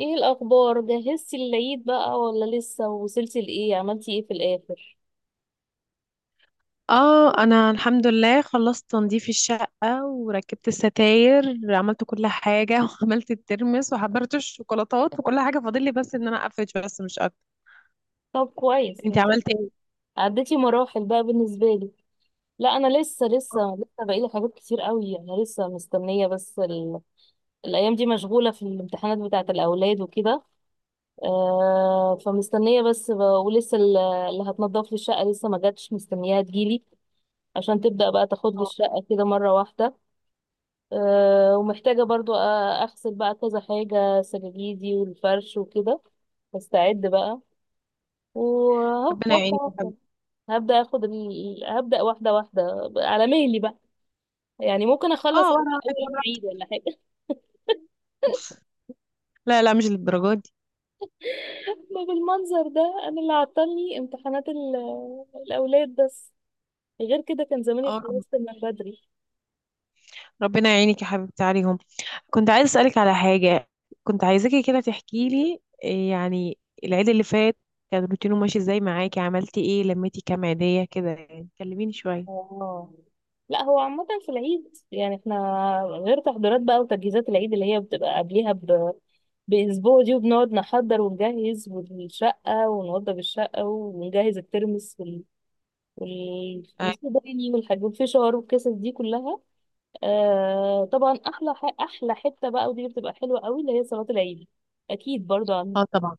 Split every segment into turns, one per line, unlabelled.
ايه الاخبار؟ جهزتي للعيد بقى ولا لسه؟ وصلتي لايه، عملتي ايه في الاخر؟
اه، انا الحمد لله خلصت تنظيف الشقة وركبت الستاير. عملت كل حاجة وعملت الترمس وحضرت الشوكولاتات، وكل حاجة فاضل لي بس ان انا اقفش، بس مش اكتر.
طب كويس
انت
انت.
عملتي ايه؟
عديتي مراحل بقى بالنسبه لي. لا، انا لسه بقالي حاجات كتير قوي. انا لسه مستنيه بس الايام دي مشغوله في الامتحانات بتاعه الاولاد وكده. فمستنيه بس ولسه اللي هتنضف لي الشقه لسه ما جاتش، مستنياها تجيلي عشان تبدا بقى تاخد لي
اه.
الشقه كده مره واحده. ومحتاجة برضو أغسل بقى كذا حاجة، سجاجيدي والفرش وكده. أستعد بقى، وهو
ربنا
واحدة
يعينك يا
واحدة.
حبيبتي.
هبدأ هبدأ واحدة واحدة على مهلي بقى. يعني ممكن أخلص
اه،
على
وانا واحد،
أول يوم
وانا
عيد ولا حاجة.
واحد. لا لا، مش للدرجة دي.
ما بالمنظر ده. أنا اللي عطلني امتحانات الأولاد بس. غير كده كان زماني
اه،
خلصت من بدري.
ربنا يعينك يا حبيبتي عليهم. كنت عايزة اسألك على حاجة. كنت عايزاكي كده تحكي لي إيه، يعني العيد اللي فات كان روتينه ماشي ازاي معاكي؟ عملتي ايه؟ لميتي كام عيدية كده؟ يعني كلميني شوية.
اه، لا هو عامة في العيد يعني احنا، غير تحضيرات بقى وتجهيزات العيد اللي هي بتبقى قبليها بأسبوع دي، وبنقعد نحضر ونجهز والشقة، ونوضب الشقة ونجهز الترمس
اه.
والصوباني والحاجات والفشار والقصص دي كلها. آه طبعا، أحلى حتة بقى ودي بتبقى حلوة قوي اللي هي صلاة العيد. أكيد برضه
آه، طبعا.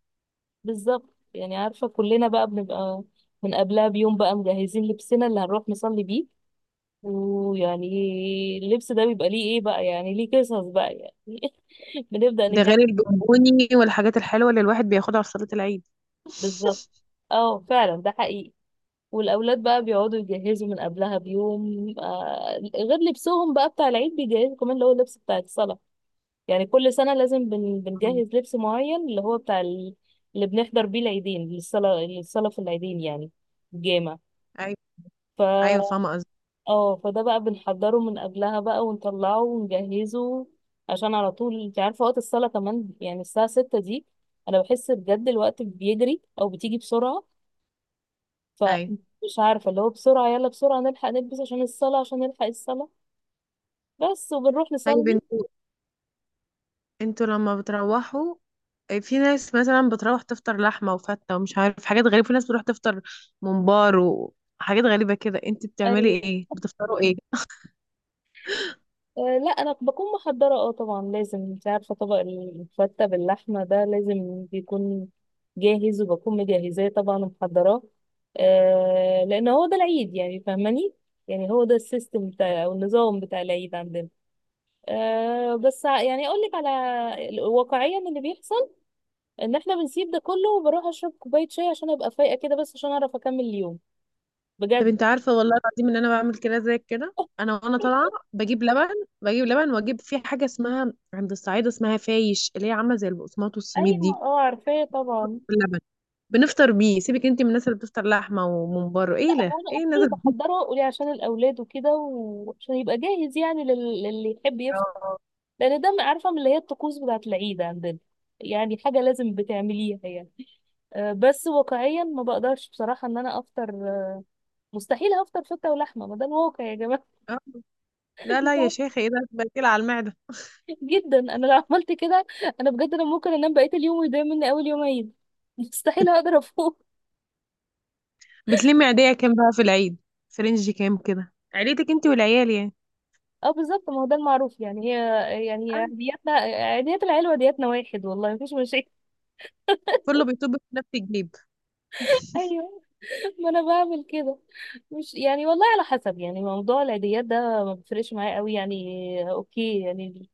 بالظبط. يعني عارفة كلنا بقى بنبقى من قبلها بيوم بقى مجهزين لبسنا اللي هنروح نصلي بيه. ويعني اللبس ده بيبقى ليه ايه بقى، يعني ليه قصص بقى يعني. بنبدأ
ده غير
نجهز.
البونبوني والحاجات الحلوة اللي الواحد بياخدها في صلاة العيد
بالظبط. اه فعلا، ده حقيقي. والأولاد بقى بيقعدوا يجهزوا من قبلها بيوم، آه غير لبسهم بقى بتاع العيد بيجهزوا كمان اللي هو اللبس بتاع الصلاة. يعني كل سنة لازم
مم.
بنجهز لبس معين اللي هو بتاع اللي بنحضر بيه العيدين، للصلاة، في العيدين يعني،
ايوه. ايوه،
الجامع.
فاهمة قصدي.
اه فده بقى بنحضره من قبلها بقى ونطلعه ونجهزه، عشان على طول انت عارفة وقت الصلاة كمان يعني الساعة ستة دي انا بحس بجد الوقت بيجري، او بتيجي بسرعة.
ايوه.
فمش عارفة اللي هو بسرعة يلا بسرعة نلحق نلبس عشان الصلاة، عشان نلحق الصلاة بس، وبنروح
طيب
نصلي.
انتوا لما بتروحوا، آه، في ناس مثلا بتروح تفطر لحمة وفتة ومش عارف حاجات غريبة، في ناس بتروح تفطر ممبار وحاجات غريبة كده، انت بتعملي
ايوه.
ايه؟ بتفطروا ايه؟
لا انا بكون محضره، اه طبعا لازم. انت عارفه طبق الفته باللحمه ده لازم بيكون جاهز، وبكون مجهزاه طبعا ومحضراه. أه لان هو ده العيد، يعني فاهماني، يعني هو ده السيستم بتاع، او النظام بتاع العيد عندنا. يعني اقول لك على واقعيا اللي بيحصل ان احنا بنسيب ده كله، وبروح اشرب كوبايه شاي عشان ابقى فايقه كده، بس عشان اعرف اكمل اليوم
طب
بجد.
انت عارفة والله العظيم ان انا بعمل كده، زي كده انا، وانا طالعة بجيب لبن. بجيب لبن واجيب في حاجة اسمها عند الصعيد اسمها فايش، اللي هي عاملة زي البقسماط والسميد
ايوه،
دي،
اه عارفاه طبعا.
باللبن. بنفطر بيه. سيبك انت من الناس اللي بتفطر لحمه وممبار،
لا
ايه ده،
هو انا
ايه الناس
اوكي
اللي-.
بحضره، قولي عشان الاولاد وكده، وعشان يبقى جاهز يعني للي يحب يفطر.
اه.
لان ده عارفه من اللي هي الطقوس بتاعه العيد عندنا، يعني حاجه لازم بتعمليها يعني. بس واقعيا ما بقدرش بصراحه ان انا افطر. مستحيل هفطر فته ولحمه. ما ده الواقع يا جماعه.
آه. لا
مش
لا يا
عارفة.
شيخه، ايه ده. بتقيل على المعده.
جدا، انا لو عملت كده انا بجد انا ممكن انام بقيه اليوم ويضيع مني اول يوم عيد. مستحيل هقدر افوق.
بتلمي عيديه كام بقى في العيد؟ فرنج كام كده عيلتك انت والعيال يعني؟
اه بالظبط، ما هو ده المعروف يعني. هي، يعني هي عيدياتنا، عيديات العيله وعيدياتنا واحد. والله مفيش مشاكل.
كله بيطب في نفس الجيب.
ايوه، ما انا بعمل كده. مش يعني، والله على حسب. يعني موضوع العيديات ده ما بيفرقش معايا قوي يعني، اوكي يعني.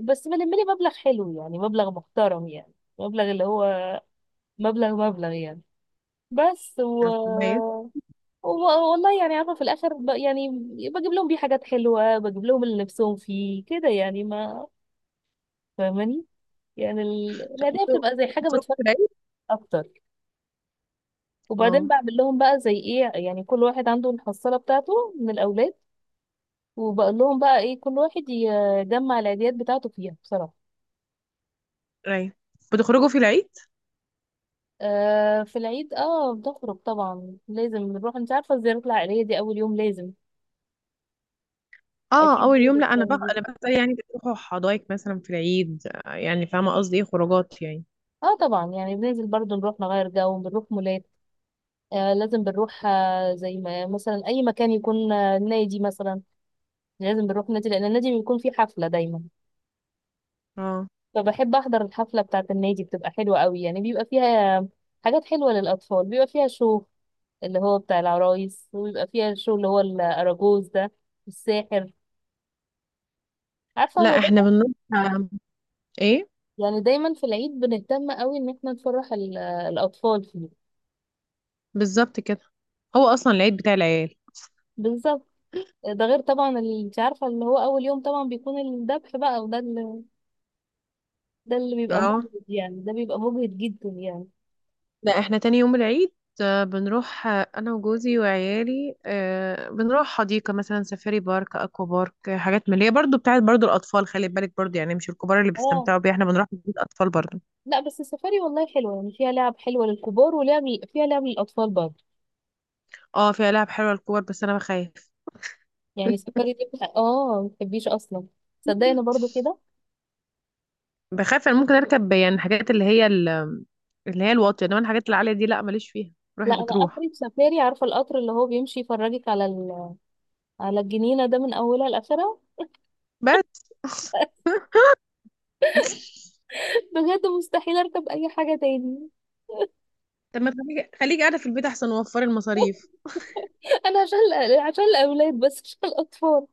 بس بلم لي مبلغ حلو يعني، مبلغ محترم يعني، مبلغ اللي هو مبلغ مبلغ يعني. بس
طب كويس.
و... والله يعني عارفه، في الاخر يعني بجيب لهم بيه حاجات حلوه، بجيب لهم اللي نفسهم فيه كده يعني. ما فاهماني، يعني
طب
العيديه
انتوا
بتبقى زي حاجه
بتخرجوا
بتفرق
في العيد؟
اكتر. وبعدين
اه.
بعمل لهم بقى زي ايه، يعني كل واحد عنده الحصاله بتاعته من الاولاد، وبقول لهم بقى ايه، كل واحد يجمع العيديات بتاعته فيها بصراحة.
ايوه، بتخرجوا في العيد.
آه في العيد، اه بنخرج طبعا لازم نروح. انت عارفة الزيارة العائلية دي اول يوم لازم.
اه،
اكيد
اول
برضه
يوم. لا انا بقى
بتعملي.
انا بقى يعني بتروحوا حدايق مثلا في العيد؟ آه، يعني فاهمه قصدي؟ ايه خروجات يعني.
اه طبعا، يعني بننزل برضه نروح نغير جو، بنروح مولات. لازم بنروح، زي ما مثلا اي مكان يكون، نادي مثلا. لازم بنروح نادي، لان النادي بيكون فيه حفلة دايما.
اه.
فبحب احضر الحفلة بتاعة النادي، بتبقى حلوة قوي يعني، بيبقى فيها حاجات حلوة للأطفال، بيبقى فيها شو اللي هو بتاع العرايس، ويبقى فيها الشو اللي هو الأراجوز ده والساحر، عارفة
لا
هو
احنا
ده.
بنروح، ايه.
يعني دايما في العيد بنهتم قوي ان احنا نفرح الأطفال فيه.
بالظبط كده. هو اصلا العيد بتاع العيال.
بالظبط. ده غير طبعا اللي انت عارفة، اللي هو أول يوم طبعا بيكون الذبح بقى، وده اللي، ده اللي بيبقى
اه.
مجهد يعني، ده بيبقى مجهد جدا يعني.
لا احنا تاني يوم العيد، بنروح، انا وجوزي وعيالي، بنروح حديقة مثلا، سفاري بارك، اكوا بارك، حاجات من اللي هي برضو بتاعت برضو الاطفال، خلي بالك برضو يعني مش الكبار اللي
اه
بيستمتعوا بيها، احنا بنروح بيت اطفال برضو.
لا، بس السفاري والله حلوة، يعني فيها لعب حلوة للكبار، ولعب، فيها لعب للأطفال برضه.
اه، فيها لعب حلوة للكبار بس انا بخاف.
يعني السفاري دي ما بتحبيش أصلا، صدقني برضه كده.
بخاف انا ممكن اركب يعني الحاجات اللي هي اللي هي الواطية، انما الحاجات العالية دي لا، ماليش فيها. روحي
لا انا
بتروح.
اخري في سفاري، عارفه القطر اللي هو بيمشي يفرجك على على الجنينه ده من اولها لاخرها.
بس.
بجد مستحيل اركب اي حاجه تاني.
طب ما تخليكي، خليكي قاعدة في البيت احسن، وفري المصاريف.
انا عشان عشان الاولاد بس، مش عشان الاطفال.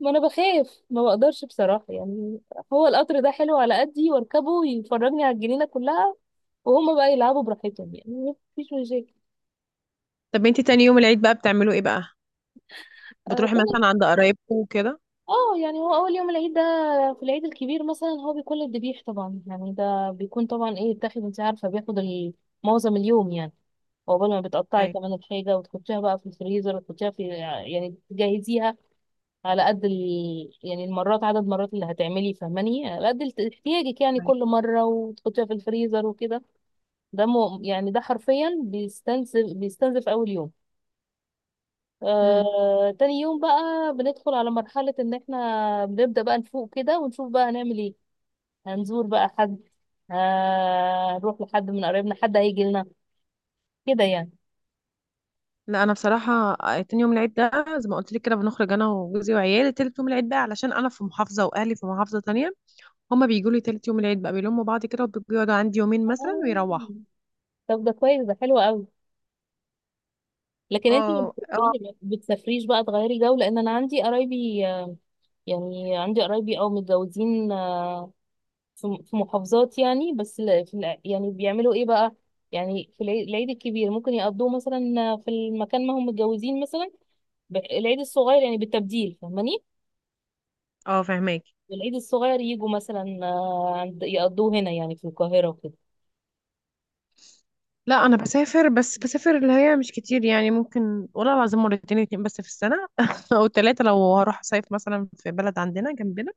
ما انا بخاف، ما بقدرش بصراحه يعني. هو القطر ده حلو على قدي، واركبه ويفرجني على الجنينه كلها، وهما بقى يلعبوا براحتهم، يعني مفيش مشاكل.
طب انتي تاني يوم العيد بقى بتعملوا ايه بقى؟
آه،
بتروحي مثلا عند قرايبكم وكده؟
اه يعني، هو اول يوم العيد ده في العيد الكبير مثلا هو بيكون للذبيح طبعا يعني. ده بيكون طبعا ايه، بتاخد، انت عارفه بياخد معظم اليوم يعني. وقبل ما بتقطعي
ايوه.
كمان الحاجه، وتحطيها بقى في الفريزر، وتحطيها في، يعني تجهزيها على قد يعني المرات، عدد المرات اللي هتعملي فاهماني، على قد احتياجك يعني كل
ايوه.
مره، وتحطيها في الفريزر وكده. ده مو يعني ده حرفيا بيستنزف بيستنزف اول يوم.
امم
آه، تاني يوم بقى بندخل على مرحلة ان احنا بنبدأ بقى نفوق كده، ونشوف بقى هنعمل ايه، هنزور بقى حد، آه، هنروح لحد من قرايبنا، حد هيجي لنا كده يعني.
لا، انا بصراحه، تاني يوم العيد ده زي ما قلت لك كده بنخرج انا وجوزي وعيالي. تالت يوم العيد بقى، علشان انا في محافظه واهلي في محافظه تانية، هما بيجوا لي تالت يوم العيد بقى، بيلموا بعض كده وبيقعدوا عندي يومين مثلا
آه،
ويروحوا.
طب ده كويس، ده حلو قوي. لكن انت ما
اه،
بتسافريش،
اه،
ما بتسافريش بقى تغيري جو؟ لان انا عندي قرايبي، يعني عندي قرايبي او متجوزين، في محافظات يعني. بس يعني بيعملوا ايه بقى، يعني في العيد، العيد الكبير ممكن يقضوه مثلا في المكان ما هم متجوزين مثلا، العيد الصغير يعني بالتبديل فاهماني.
اه، فهماك.
العيد الصغير يجوا مثلا، آه، يقضوه هنا يعني في القاهرة وكده.
لا انا بسافر، بس بسافر اللي هي مش كتير، يعني ممكن والله العظيم مرتين، اتنين بس في السنه او ثلاثه لو هروح صيف مثلا في بلد عندنا جنبنا.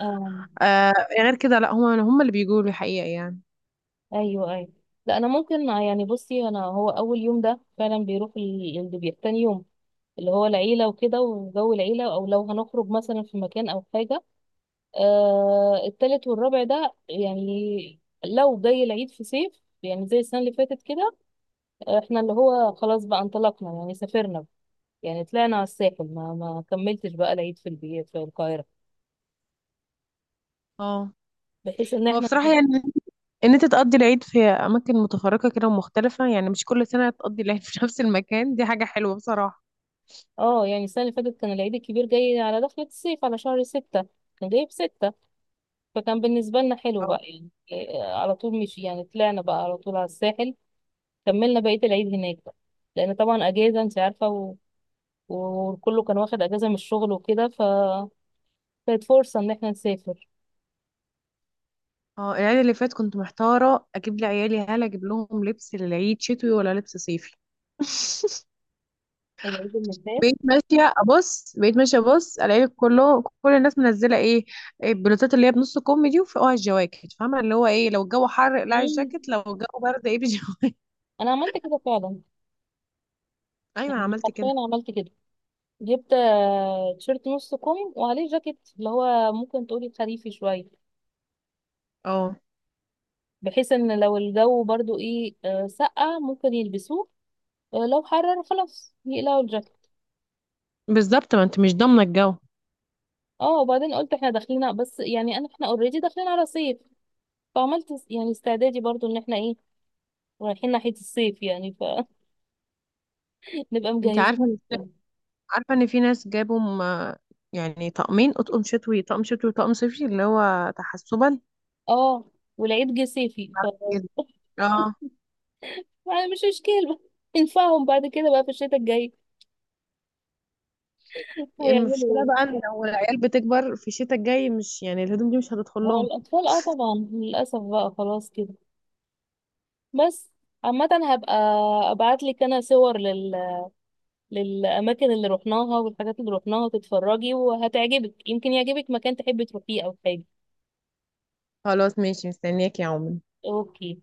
آه.
آه. غير كده لا، هما اللي بيجوا لي حقيقه يعني.
ايوه، ايوه. لا انا ممكن، آه، يعني بصي انا، هو اول يوم ده فعلا بيروح الدبيح، تاني يوم اللي هو العيلة وكده وجو العيلة، او لو هنخرج مثلا في مكان او حاجة. آه التالت والرابع ده يعني لو جاي العيد في صيف يعني زي السنة اللي فاتت كده، آه، احنا اللي هو خلاص بقى انطلقنا يعني، سافرنا يعني، طلعنا على الساحل، ما كملتش بقى العيد في البيت في القاهرة،
اه.
بحيث ان
هو
احنا،
بصراحه يعني، ان انت تقضي العيد في اماكن متفرقه كده ومختلفه، يعني مش كل سنه تقضي العيد في نفس المكان، دي حاجه حلوه بصراحه.
اه. يعني السنة اللي فاتت كان العيد الكبير جاي على دخلة الصيف على شهر ستة، كان جاي في ستة. فكان بالنسبة لنا حلو
اه،
بقى يعني إيه، على طول، مش يعني، طلعنا بقى على طول على الساحل. كملنا بقية العيد هناك بقى، لأن طبعا أجازة أنت عارفة، و- وكله كان واخد أجازة من الشغل وكده، ف كانت فرصة إن احنا نسافر.
اه. العيد اللي فات كنت محتاره اجيب لعيالي، هل اجيب لهم لبس للعيد شتوي ولا لبس صيفي؟
العيد اللي فات،
بقيت ماشيه ابص الاقي كل الناس منزله إيه البلوزات اللي هي بنص كم دي، وفوقها الجواكت، فاهمه اللي هو ايه، لو الجو حر اقلعي
مم.
الجاكيت، لو الجو برد ايه، بالجواكت
أنا عملت كده فعلا.
ايوه،
يعني
انا
أنا
عملت
حرفيا
كده.
عملت كده، جبت آه، تيشيرت نص كم وعليه جاكيت اللي هو ممكن تقولي خريفي شوية،
اه
بحيث ان لو الجو برضو ايه، آه، سقع ممكن يلبسوه، آه، لو حرر خلاص يقلعوا الجاكيت.
بالظبط، ما انت مش ضامنه الجو.
اه وبعدين قلت احنا داخلين، بس يعني انا، احنا اوريدي داخلين على صيف، فعملت يعني استعدادي برضو ان احنا ايه، رايحين ناحية الصيف يعني، فنبقى
انت
مجهزين
عارفه
نفسنا.
عارفة ان في ناس جابوا يعني طقمين، اطقم شتوي، طقم شتوي وطقم صيفي، اللي هو تحسبا.
اه، والعيد جه صيفي. ف
جد. اه.
يعني مش مشكلة، نفعهم بعد كده بقى في الشتاء الجاي. هيعملوا
المشكلة بقى
ايه؟
ان لو العيال بتكبر في الشتاء الجاي، مش يعني الهدوم دي مش هتدخل
هو
لهم.
الأطفال اه طبعا للأسف بقى خلاص كده. بس عامة، هبقى ابعتلك انا صور للاماكن اللي رحناها والحاجات اللي رحناها، تتفرجي وهتعجبك، يمكن يعجبك مكان تحبي تروحيه او حاجة.
خلاص ماشي، مستنياك يا عمر.
اوكي.